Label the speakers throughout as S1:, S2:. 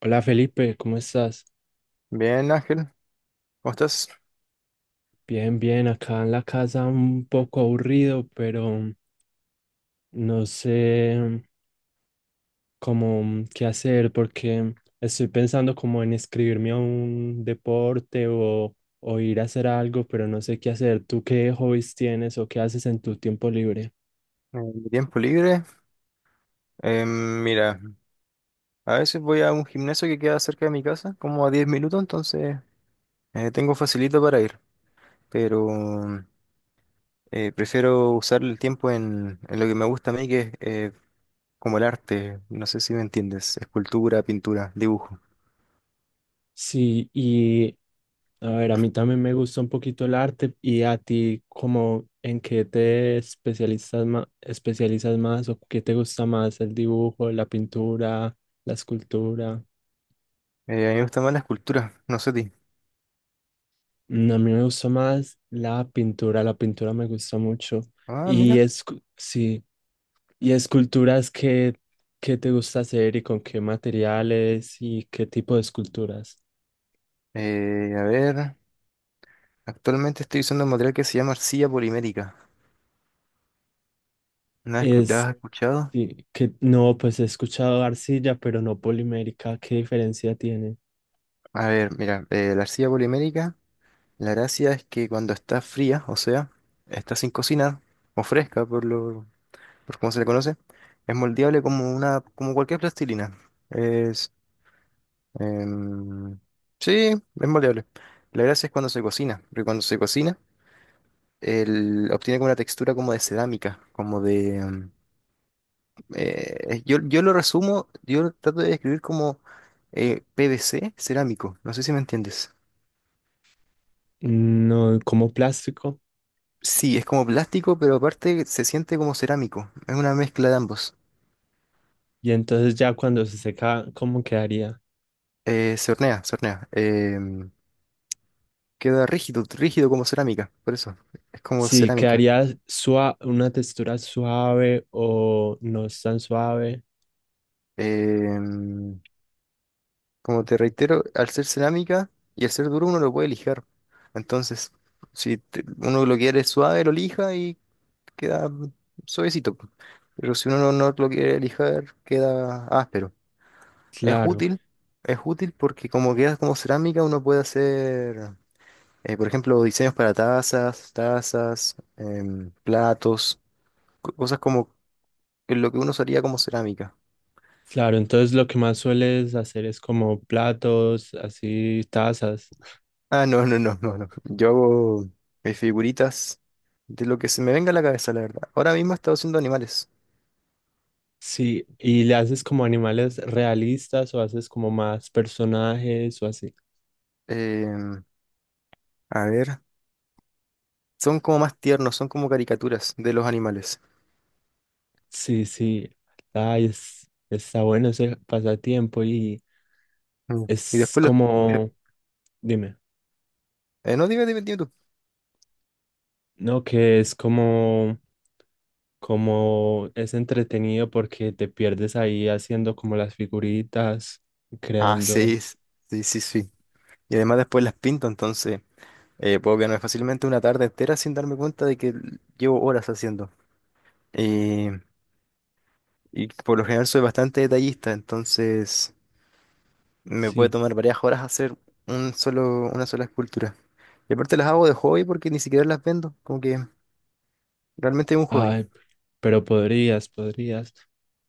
S1: Hola Felipe, ¿cómo estás?
S2: Bien, Ángel, ¿cómo estás?
S1: Bien, acá en la casa un poco aburrido, pero no sé cómo qué hacer porque estoy pensando como en inscribirme a un deporte o ir a hacer algo, pero no sé qué hacer. ¿Tú qué hobbies tienes o qué haces en tu tiempo libre?
S2: En mi tiempo libre, mira, a veces voy a un gimnasio que queda cerca de mi casa, como a 10 minutos. Tengo facilito para ir, pero prefiero usar el tiempo en lo que me gusta a mí, que es como el arte, no sé si me entiendes: escultura, pintura, dibujo.
S1: Sí, y a ver, a mí también me gusta un poquito el arte. Y a ti, ¿como en qué te especializas más, o qué te gusta más, el dibujo, la pintura, la escultura?
S2: A mí me gusta más la escultura, no sé a ti.
S1: Mm, a mí me gusta más la pintura me gusta mucho.
S2: Ah,
S1: Y
S2: mira,
S1: es, sí, y esculturas, ¿qué te gusta hacer y con qué materiales y qué tipo de esculturas?
S2: eh, a ver, actualmente estoy usando un material que se llama arcilla polimérica. ¿ La
S1: Es
S2: has escuchado?
S1: sí, que no, pues he escuchado arcilla, pero no polimérica, ¿qué diferencia tiene?
S2: A ver, mira, la arcilla polimérica, la gracia es que cuando está fría, o sea, está sin cocinar, o fresca por cómo se le conoce, es moldeable como cualquier plastilina. Es, em, sí, es moldeable. La gracia es cuando se cocina, porque cuando se cocina, obtiene como una textura como de cerámica, como de, em, yo, yo lo resumo, yo lo trato de describir como PVC cerámico, no sé si me entiendes.
S1: No, como plástico.
S2: Sí, es como plástico, pero aparte se siente como cerámico. Es una mezcla de ambos.
S1: Y entonces ya cuando se seca, ¿cómo quedaría?
S2: Se hornea. Queda rígido como cerámica, por eso. Es como
S1: Sí,
S2: cerámica.
S1: quedaría suave, una textura suave, o no es tan suave.
S2: Em, Como te reitero, al ser cerámica y al ser duro, uno lo puede lijar. Entonces, si te- uno lo quiere suave, lo lija y queda suavecito. Pero si uno no lo quiere lijar, queda áspero. Es
S1: Claro,
S2: útil, es útil porque como queda como cerámica, uno puede hacer… por ejemplo, diseños para tazas, platos, cosas como lo que uno usaría como cerámica.
S1: claro, entonces lo que más sueles hacer es como platos, así tazas.
S2: Ah, no, no, no, no, no. Yo hago mis figuritas de lo que se me venga a la cabeza, la verdad. Ahora mismo he estado haciendo animales.
S1: Sí, ¿y le haces como animales realistas o haces como más personajes o así?
S2: Em, a ver, son como más tiernos, son como caricaturas de los animales.
S1: Sí, sí. Ay, está bueno ese pasatiempo y
S2: Mm. Y
S1: es
S2: después los…
S1: como, dime.
S2: no, dime, dime, dime tú.
S1: No, que es como, como es entretenido porque te pierdes ahí haciendo como las figuritas,
S2: Ah,
S1: creando.
S2: sí, sí, sí, sí. Y además después las pinto, entonces… puedo quedarme fácilmente una tarde entera sin darme cuenta de que llevo horas haciendo. Eh, y por lo general soy bastante detallista, entonces me puede
S1: Sí,
S2: tomar varias horas hacer una sola escultura. Y aparte las hago de hobby porque ni siquiera las vendo, como que realmente es un hobby.
S1: ay, pero podrías, podrías.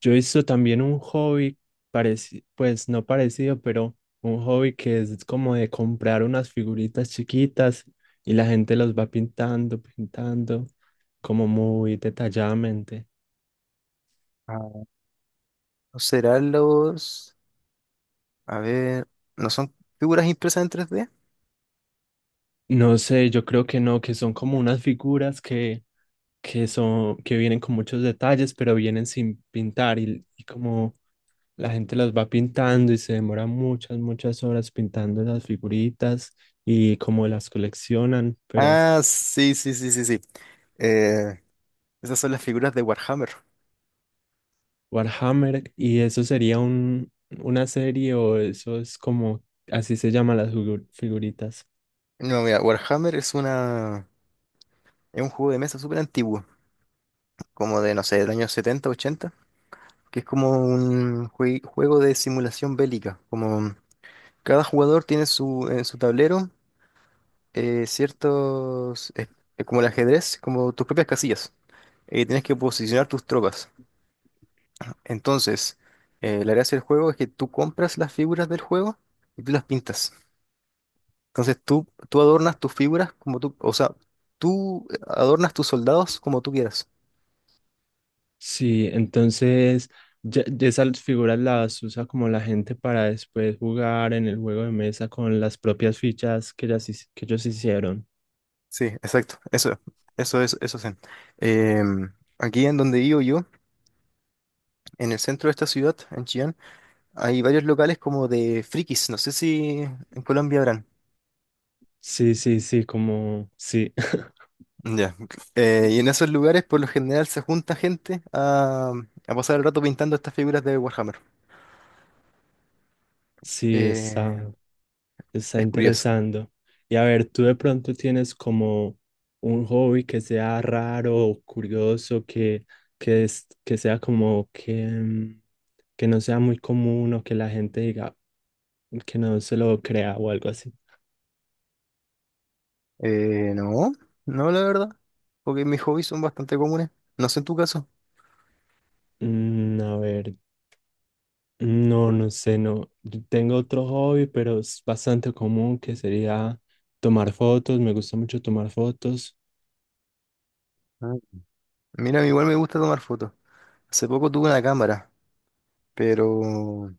S1: Yo hice también un hobby parecido, pues no parecido, pero un hobby que es como de comprar unas figuritas chiquitas y la gente los va pintando, pintando, como muy detalladamente.
S2: Ah, ¿no serán los… A ver, ¿no son figuras impresas en 3D?
S1: No sé, yo creo que no, que son como unas figuras que son, que vienen con muchos detalles, pero vienen sin pintar y como la gente las va pintando y se demora muchas, muchas horas pintando las figuritas y como las coleccionan, pero
S2: Ah, sí, sí, sí, sí, sí. Eh, esas son las figuras de Warhammer.
S1: Warhammer, y eso sería un, una serie, o eso es como, así se llaman las figuritas.
S2: No, mira, Warhammer es una… Es un juego de mesa súper antiguo, como de, no sé, del año 70, 80, que es como un juego de simulación bélica. Como cada jugador tiene en su tablero ciertos, como el ajedrez, como tus propias casillas. Tienes que posicionar tus tropas. Entonces, la gracia del juego es que tú compras las figuras del juego y tú las pintas. Entonces tú adornas tus figuras como tú, o sea, tú adornas tus soldados como tú quieras.
S1: Sí, entonces ya esas figuras las usa como la gente para después jugar en el juego de mesa con las propias fichas que, ellas que ellos hicieron.
S2: Sí, exacto. Eso es. Em, aquí en donde vivo yo, en el centro de esta ciudad, en Chillán, hay varios locales como de frikis. No sé si en Colombia habrán.
S1: Sí, sí, sí, como sí,
S2: Ya. Y en esos lugares, por lo general, se junta gente a pasar el rato pintando estas figuras de Warhammer.
S1: sí, está,
S2: Eh,
S1: está
S2: es curioso.
S1: interesando. Y a ver, ¿tú de pronto tienes como un hobby que sea raro o curioso, que sea como que, que no sea muy común, o que la gente diga que no se lo crea o algo así?
S2: Eh, no, no, la verdad. Porque mis hobbies son bastante comunes. No sé en tu caso.
S1: Mm, a ver, no, no sé, no. Yo tengo otro hobby, pero es bastante común, que sería tomar fotos. Me gusta mucho tomar fotos.
S2: Ah. Mira, igual me gusta tomar fotos. Hace poco tuve una cámara, pero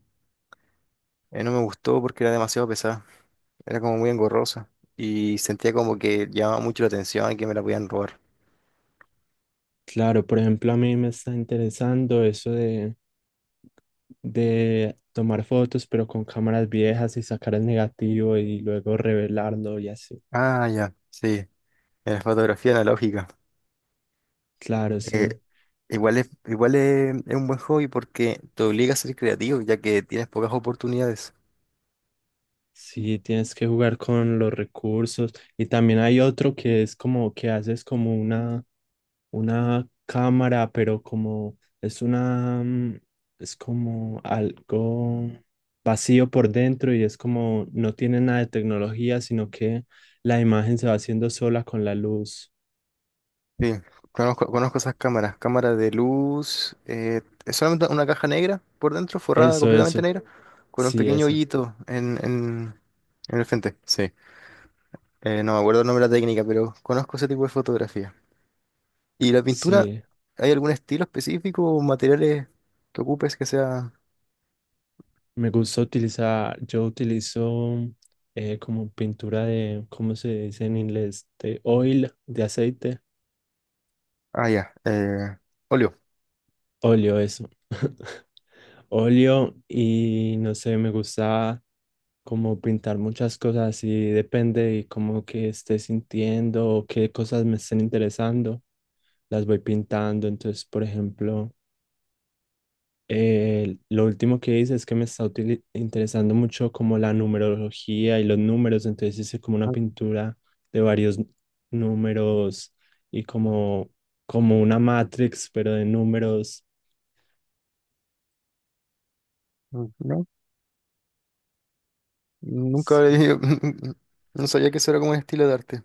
S2: No me gustó porque era demasiado pesada, era como muy engorrosa y sentía como que llamaba mucho la atención y que me la podían robar.
S1: Claro, por ejemplo, a mí me está interesando eso de tomar fotos, pero con cámaras viejas y sacar el negativo y luego revelarlo y así.
S2: Ah, ya, sí, en la fotografía analógica.
S1: Claro,
S2: Eh,
S1: sí.
S2: es un buen hobby porque te obliga a ser creativo ya que tienes pocas oportunidades.
S1: Sí, tienes que jugar con los recursos. Y también hay otro que es como que haces como una cámara, pero como es una, mm, es como algo vacío por dentro y es como no tiene nada de tecnología, sino que la imagen se va haciendo sola con la luz.
S2: Sí, conozco esas cámaras, cámaras de luz. Es solamente una caja negra por dentro, forrada
S1: Eso,
S2: completamente
S1: eso,
S2: negra, con un
S1: sí,
S2: pequeño
S1: esa,
S2: hoyito en el frente. Sí, no me acuerdo el nombre de la técnica, pero conozco ese tipo de fotografía. ¿Y la pintura,
S1: sí.
S2: hay algún estilo específico o materiales que ocupes que sea…
S1: Me gusta utilizar, yo utilizo como pintura de, ¿cómo se dice en inglés? De oil, de aceite,
S2: Ah, ya, óleo.
S1: óleo, eso. Óleo y no sé, me gusta como pintar muchas cosas y depende de cómo que esté sintiendo o qué cosas me estén interesando, las voy pintando. Entonces, por ejemplo, lo último que hice es que me está interesando mucho como la numerología y los números, entonces hice como una
S2: Ah,
S1: pintura de varios números y como, como una matrix, pero de números.
S2: ah, no, nunca
S1: Sí.
S2: había… No sabía que eso era como un estilo de arte.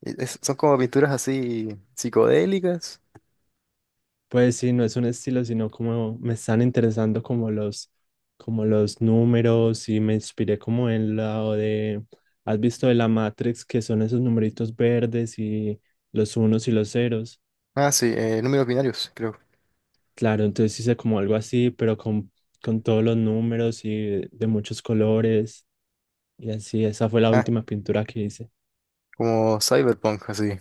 S2: Y son como pinturas así psicodélicas.
S1: Pues sí, no es un estilo, sino como me están interesando como los números, y me inspiré como en la de, ¿has visto de la Matrix, que son esos numeritos verdes y los unos y los ceros?
S2: Ah, sí, números binarios, creo.
S1: Claro, entonces hice como algo así, pero con todos los números y de muchos colores y así. Esa fue la
S2: Ah,
S1: última pintura que hice.
S2: como cyberpunk, así,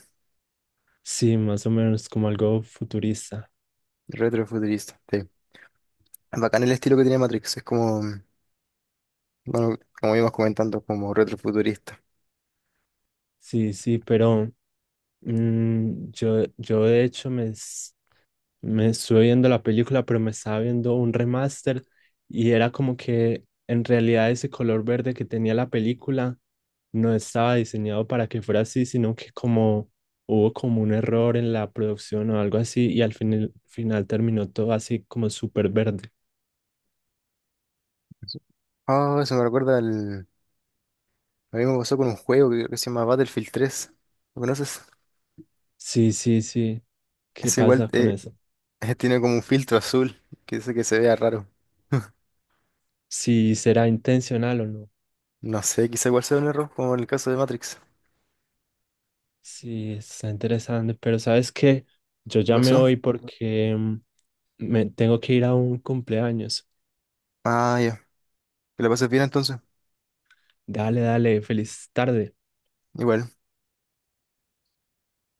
S1: Sí, más o menos como algo futurista.
S2: retrofuturista. Sí. Es bacán el estilo que tiene Matrix, es como, bueno, como íbamos comentando, como retrofuturista.
S1: Sí, sí, pero mm, yo de hecho me... me estuve viendo la película, pero me estaba viendo un remaster y era como que en realidad ese color verde que tenía la película no estaba diseñado para que fuera así, sino que como hubo como un error en la producción o algo así, y al final, final terminó todo así como súper verde.
S2: Ah, eso me recuerda al… A mí me pasó con un juego que se llama Battlefield 3. ¿Lo conoces?
S1: Sí, sí, sí. ¿Qué
S2: Ese igual
S1: pasa con eso?
S2: tiene como un filtro azul que hace que se vea raro.
S1: Si será intencional o no.
S2: No sé, quizá igual sea un error, como en el caso de Matrix.
S1: Sí, está interesante, pero ¿sabes qué? Yo
S2: ¿Qué
S1: ya me
S2: pasó?
S1: voy porque me tengo que ir a un cumpleaños.
S2: Ah, ya. Que la pases bien entonces.
S1: Dale, dale, feliz tarde.
S2: Igual.